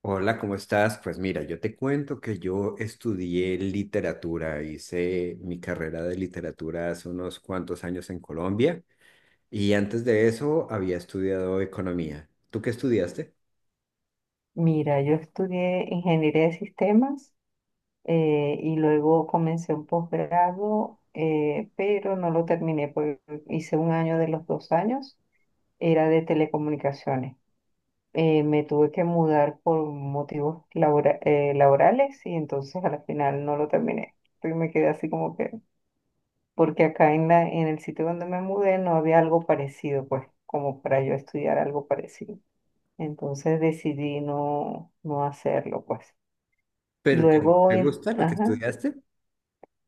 Hola, ¿cómo estás? Pues mira, yo te cuento que yo estudié literatura, hice mi carrera de literatura hace unos cuantos años en Colombia y antes de eso había estudiado economía. ¿Tú qué estudiaste? Mira, yo estudié ingeniería de sistemas, y luego comencé un posgrado, pero no lo terminé porque hice un año de los dos años, era de telecomunicaciones. Me tuve que mudar por motivos laborales y entonces al final no lo terminé. Y me quedé así como que, porque acá en en el sitio donde me mudé no había algo parecido, pues, como para yo estudiar algo parecido. Entonces decidí no, no hacerlo, pues. ¿Pero te, Luego, te gusta lo que ajá, estudiaste?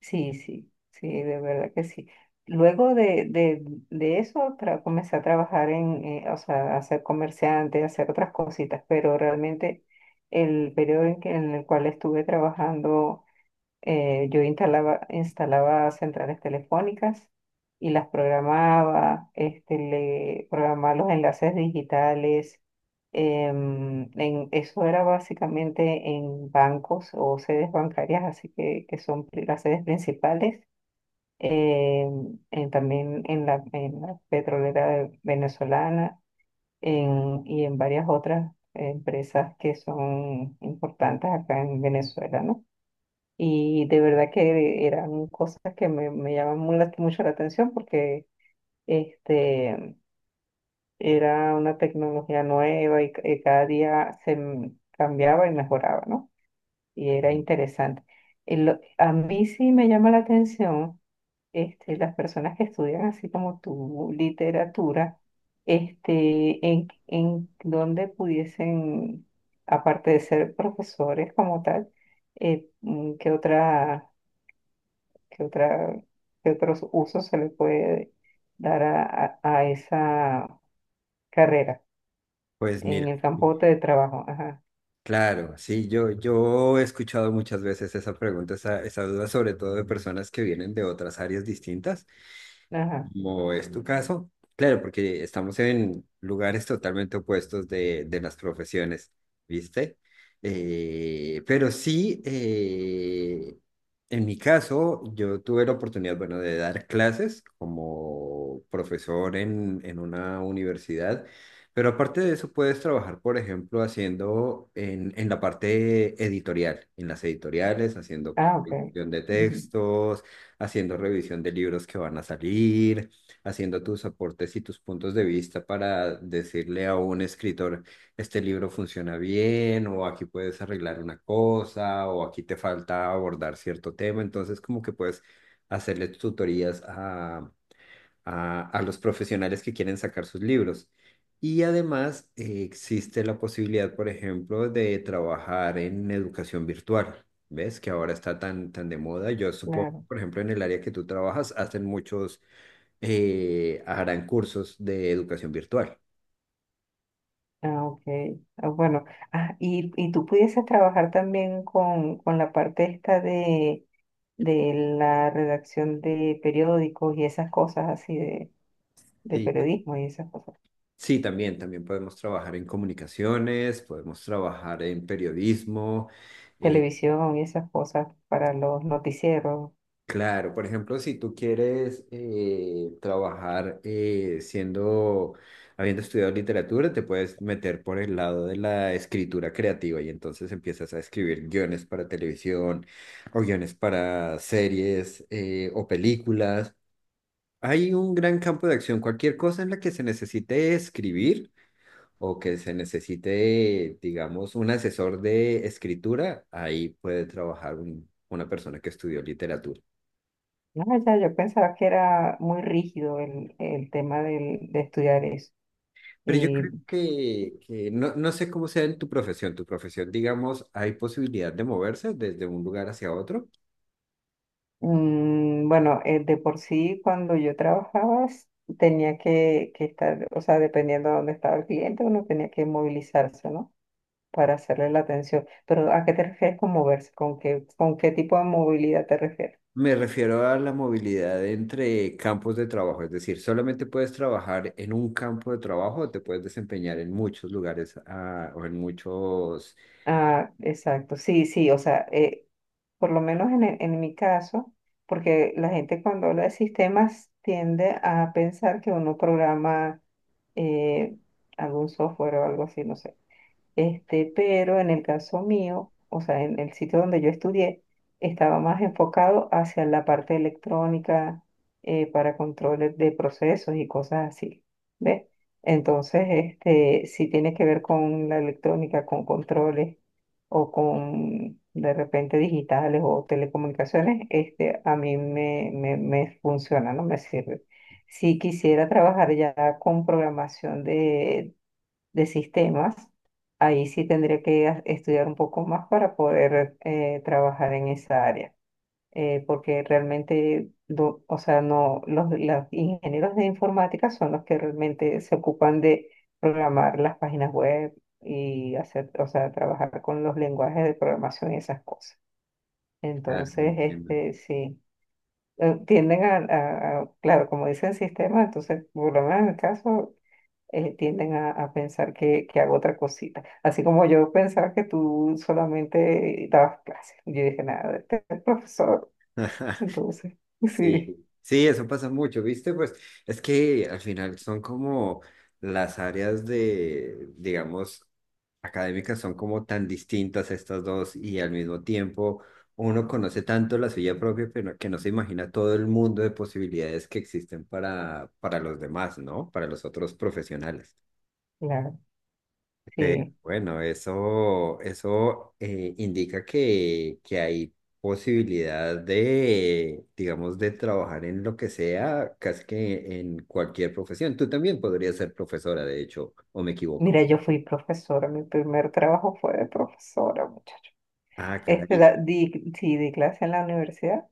sí, sí, sí, de verdad que sí. Luego de eso, comencé a trabajar o sea, a ser comerciante, a hacer otras cositas, pero realmente el periodo en el cual estuve trabajando, yo instalaba centrales telefónicas y las programaba, le programaba los enlaces digitales. Eso era básicamente en bancos o sedes bancarias, así que son las sedes principales. También en en la petrolera venezolana y en varias otras empresas que son importantes acá en Venezuela, ¿no? Y de verdad que eran cosas que me llaman mucho la atención porque este, era una tecnología nueva y cada día cambiaba y mejoraba, ¿no? Y era interesante. Y a mí sí me llama la atención, las personas que estudian así como tu literatura, en, donde pudiesen, aparte de ser profesores como tal, ¿qué otra? ¿Qué otra, qué otros usos se le puede dar a esa carrera Pues en mira, el campo de trabajo? Ajá, claro, sí, yo he escuchado muchas veces esa pregunta, esa duda, sobre todo de personas que vienen de otras áreas distintas. ajá. Como es tu caso, claro, porque estamos en lugares totalmente opuestos de las profesiones, ¿viste? Pero sí, en mi caso, yo tuve la oportunidad, bueno, de dar clases como profesor en una universidad, pero aparte de eso puedes trabajar, por ejemplo, haciendo en la parte editorial, en las editoriales, haciendo Ah, ok. producción de Ujú. textos, haciendo revisión de libros que van a salir, haciendo tus aportes y tus puntos de vista para decirle a un escritor, este libro funciona bien, o aquí puedes arreglar una cosa, o aquí te falta abordar cierto tema. Entonces, como que puedes hacerle tutorías a los profesionales que quieren sacar sus libros. Y además existe la posibilidad, por ejemplo, de trabajar en educación virtual, ¿ves? Que ahora está tan, tan de moda. Yo supongo, Claro. por ejemplo, en el área que tú trabajas, hacen muchos, harán cursos de educación virtual. Ah, ok. Ah, bueno, ah, y tú pudieses trabajar también con la parte esta de la redacción de periódicos y esas cosas así de Sí. periodismo y esas cosas, Sí, también, también podemos trabajar en comunicaciones, podemos trabajar en periodismo. televisión y esas cosas para los noticieros. Claro, por ejemplo, si tú quieres trabajar, habiendo estudiado literatura, te puedes meter por el lado de la escritura creativa y entonces empiezas a escribir guiones para televisión o guiones para series, o películas. Hay un gran campo de acción, cualquier cosa en la que se necesite escribir o que se necesite, digamos, un asesor de escritura, ahí puede trabajar una persona que estudió literatura. No, ya yo pensaba que era muy rígido el tema de estudiar eso. Pero yo creo Y que no, no sé cómo sea en tu profesión. Tu profesión, digamos, hay posibilidad de moverse desde un lugar hacia otro. Bueno, de por sí cuando yo trabajaba tenía que estar, o sea, dependiendo de dónde estaba el cliente, uno tenía que movilizarse, ¿no? Para hacerle la atención. Pero ¿a qué te refieres con moverse? ¿Con qué tipo de movilidad te refieres? Me refiero a la movilidad entre campos de trabajo, es decir, solamente puedes trabajar en un campo de trabajo o te puedes desempeñar en muchos lugares, ah, o en muchos... Ah, exacto, sí, sí, o sea, por lo menos en mi caso, porque la gente cuando habla de sistemas tiende a pensar que uno programa, eh, algún software o algo así, no sé. Pero en el caso mío, o sea, en el sitio donde yo estudié, estaba más enfocado hacia la parte electrónica, para controles de procesos y cosas así, ¿ves? Entonces, si tiene que ver con la electrónica, con controles o con de repente digitales o telecomunicaciones, a mí me funciona, no me sirve. Si quisiera trabajar ya con programación de sistemas, ahí sí tendría que estudiar un poco más para poder, trabajar en esa área, porque realmente, o sea, no, los ingenieros de informática son los que realmente se ocupan de programar las páginas web y hacer, o sea, trabajar con los lenguajes de programación y esas cosas. Ah, no Entonces, entiendo. Sí, tienden a claro, como dicen sistemas, entonces, por lo menos en el caso, tienden a pensar que hago otra cosita. Así como yo pensaba que tú solamente dabas clases. Yo dije, nada, este es profesor. Entonces, Sí, sí, sí, eso pasa mucho, ¿viste? Pues es que al final son como las áreas de, digamos, académicas son como tan distintas estas dos y al mismo tiempo uno conoce tanto la suya propia pero que no se imagina todo el mundo de posibilidades que existen para los demás, ¿no? Para los otros profesionales. claro, Pero sí. bueno, eso, indica que hay posibilidad de, digamos, de trabajar en lo que sea, casi que en cualquier profesión. Tú también podrías ser profesora, de hecho, o me equivoco. Mira, yo fui profesora. Mi primer trabajo fue de profesora, muchacho. Ah, caray, Di, sí, di clase en la universidad,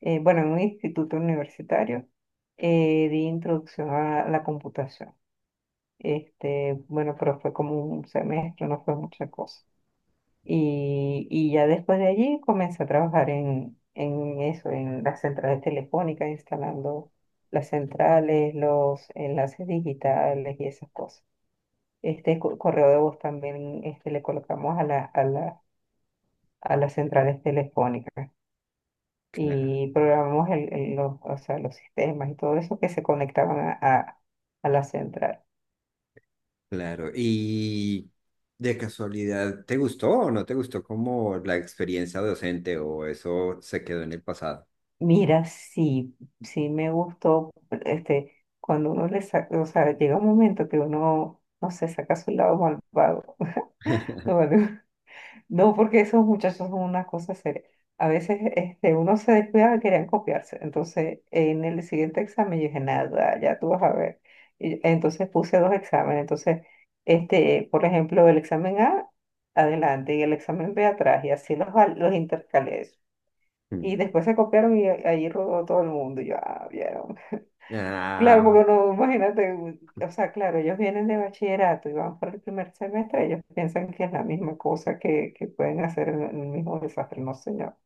bueno, en un instituto universitario, di introducción a la computación. Bueno, pero fue como un semestre, no fue mucha cosa. Y ya después de allí comencé a trabajar en eso, en las centrales telefónicas, instalando las centrales, los enlaces digitales y esas cosas. Correo de voz también, le colocamos a a las centrales telefónicas claro, y programamos o sea, los sistemas y todo eso que se conectaban a la central. claro. ¿Y de casualidad, te gustó o no te gustó como la experiencia docente o eso se quedó en el pasado? Mira, sí, sí me gustó, este, cuando uno le saca, o sea, llega un momento que uno, no sé, saca su lado malvado. No, vale. No, porque esos muchachos son una cosa seria. A veces, uno se descuidaba y querían copiarse. Entonces, en el siguiente examen yo dije, nada, ya tú vas a ver. Y entonces puse dos exámenes. Entonces, por ejemplo, el examen A, adelante, y el examen B atrás, y así los intercalé. Mm. Y después se copiaron y ahí rodó todo el mundo. Y yo, ah, vieron. Claro, Ah. porque no, imagínate, o sea, claro, ellos vienen de bachillerato y van para el primer semestre, ellos piensan que es la misma cosa que pueden hacer en el mismo desastre, no señor.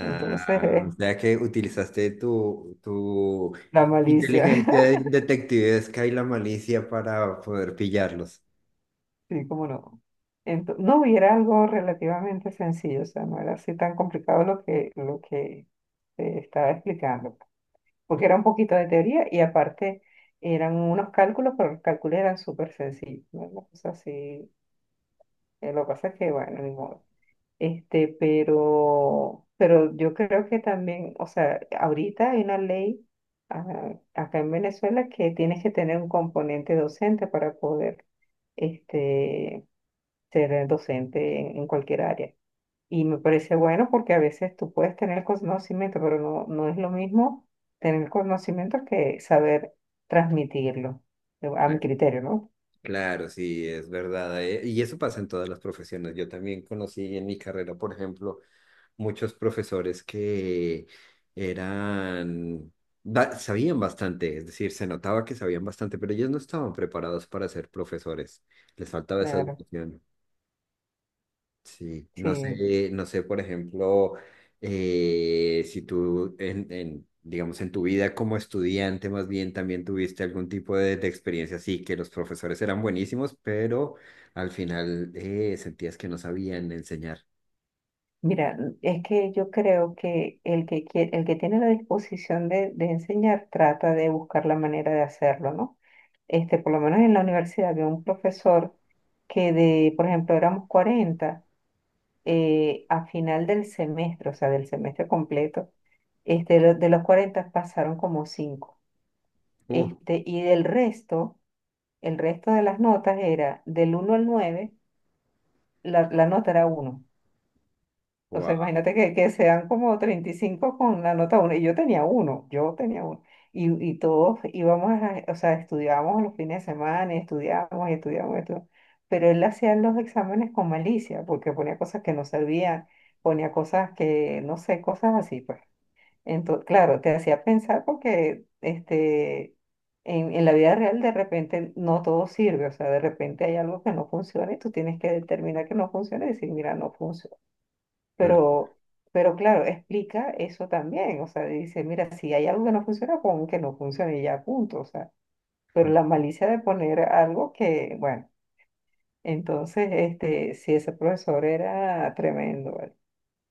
Entonces, o sea que utilizaste tu la malicia, inteligencia detectivesca y la malicia para poder pillarlos. sí, cómo no. No, y era algo relativamente sencillo, o sea, no era así tan complicado lo que te estaba explicando. Porque era un poquito de teoría y aparte eran unos cálculos, pero los cálculos eran súper sencillos, ¿no? Una cosa así, lo que pasa es que, bueno, ni modo. Pero, yo creo que también, o sea, ahorita hay una ley, acá en Venezuela, que tienes que tener un componente docente para poder, este, ser docente en cualquier área. Y me parece bueno porque a veces tú puedes tener conocimiento, pero no, no es lo mismo tener conocimiento que saber transmitirlo, a mi Claro. criterio, ¿no? Claro, sí, es verdad. Y eso pasa en todas las profesiones. Yo también conocí en mi carrera, por ejemplo, muchos profesores que eran, sabían bastante, es decir, se notaba que sabían bastante, pero ellos no estaban preparados para ser profesores. Les faltaba esa Claro, educación. Sí, no sí. sé, no sé, por ejemplo, si tú, digamos, en tu vida como estudiante, más bien también tuviste algún tipo de experiencia así, que los profesores eran buenísimos, pero al final, sentías que no sabían enseñar. Mira, es que yo creo que el que tiene la disposición de enseñar trata de buscar la manera de hacerlo, ¿no? Por lo menos en la universidad había un profesor que de, por ejemplo, éramos 40, a final del semestre, o sea, del semestre completo, de los 40 pasaron como cinco. Uh, Y del resto, el resto de las notas era del 1 al 9, la nota era uno. O sea, wow. imagínate que sean como 35 con la nota uno. Y yo tenía uno, yo tenía uno. Y todos íbamos, o sea, estudiábamos los fines de semana y estudiábamos y estudiábamos y estudiábamos. Pero él hacía los exámenes con malicia, porque ponía cosas que no servían, ponía cosas que, no sé, cosas así, pues. Entonces, claro, te hacía pensar porque, en la vida real de repente no todo sirve, o sea, de repente hay algo que no funciona y tú tienes que determinar que no funciona y decir, mira, no funciona, pero, pero claro, explica eso también. O sea, dice, mira, si hay algo que no funciona, pon que no funcione y ya, punto. O sea, pero la malicia de poner algo que, bueno, entonces, si ese profesor era tremendo, ¿vale?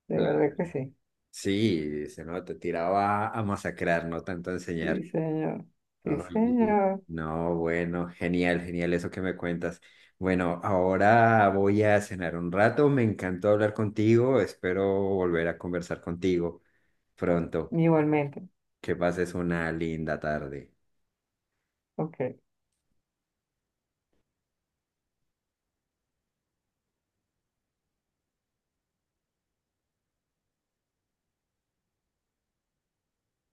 De Claro. verdad que sí. Sí, se no, te tiraba a masacrar, no tanto a enseñar. Sí, señor. Sí, Ay, sí. señor. No, bueno, genial, genial eso que me cuentas. Bueno, ahora voy a cenar un rato. Me encantó hablar contigo. Espero volver a conversar contigo pronto. Igualmente. Que pases una linda tarde. Ok.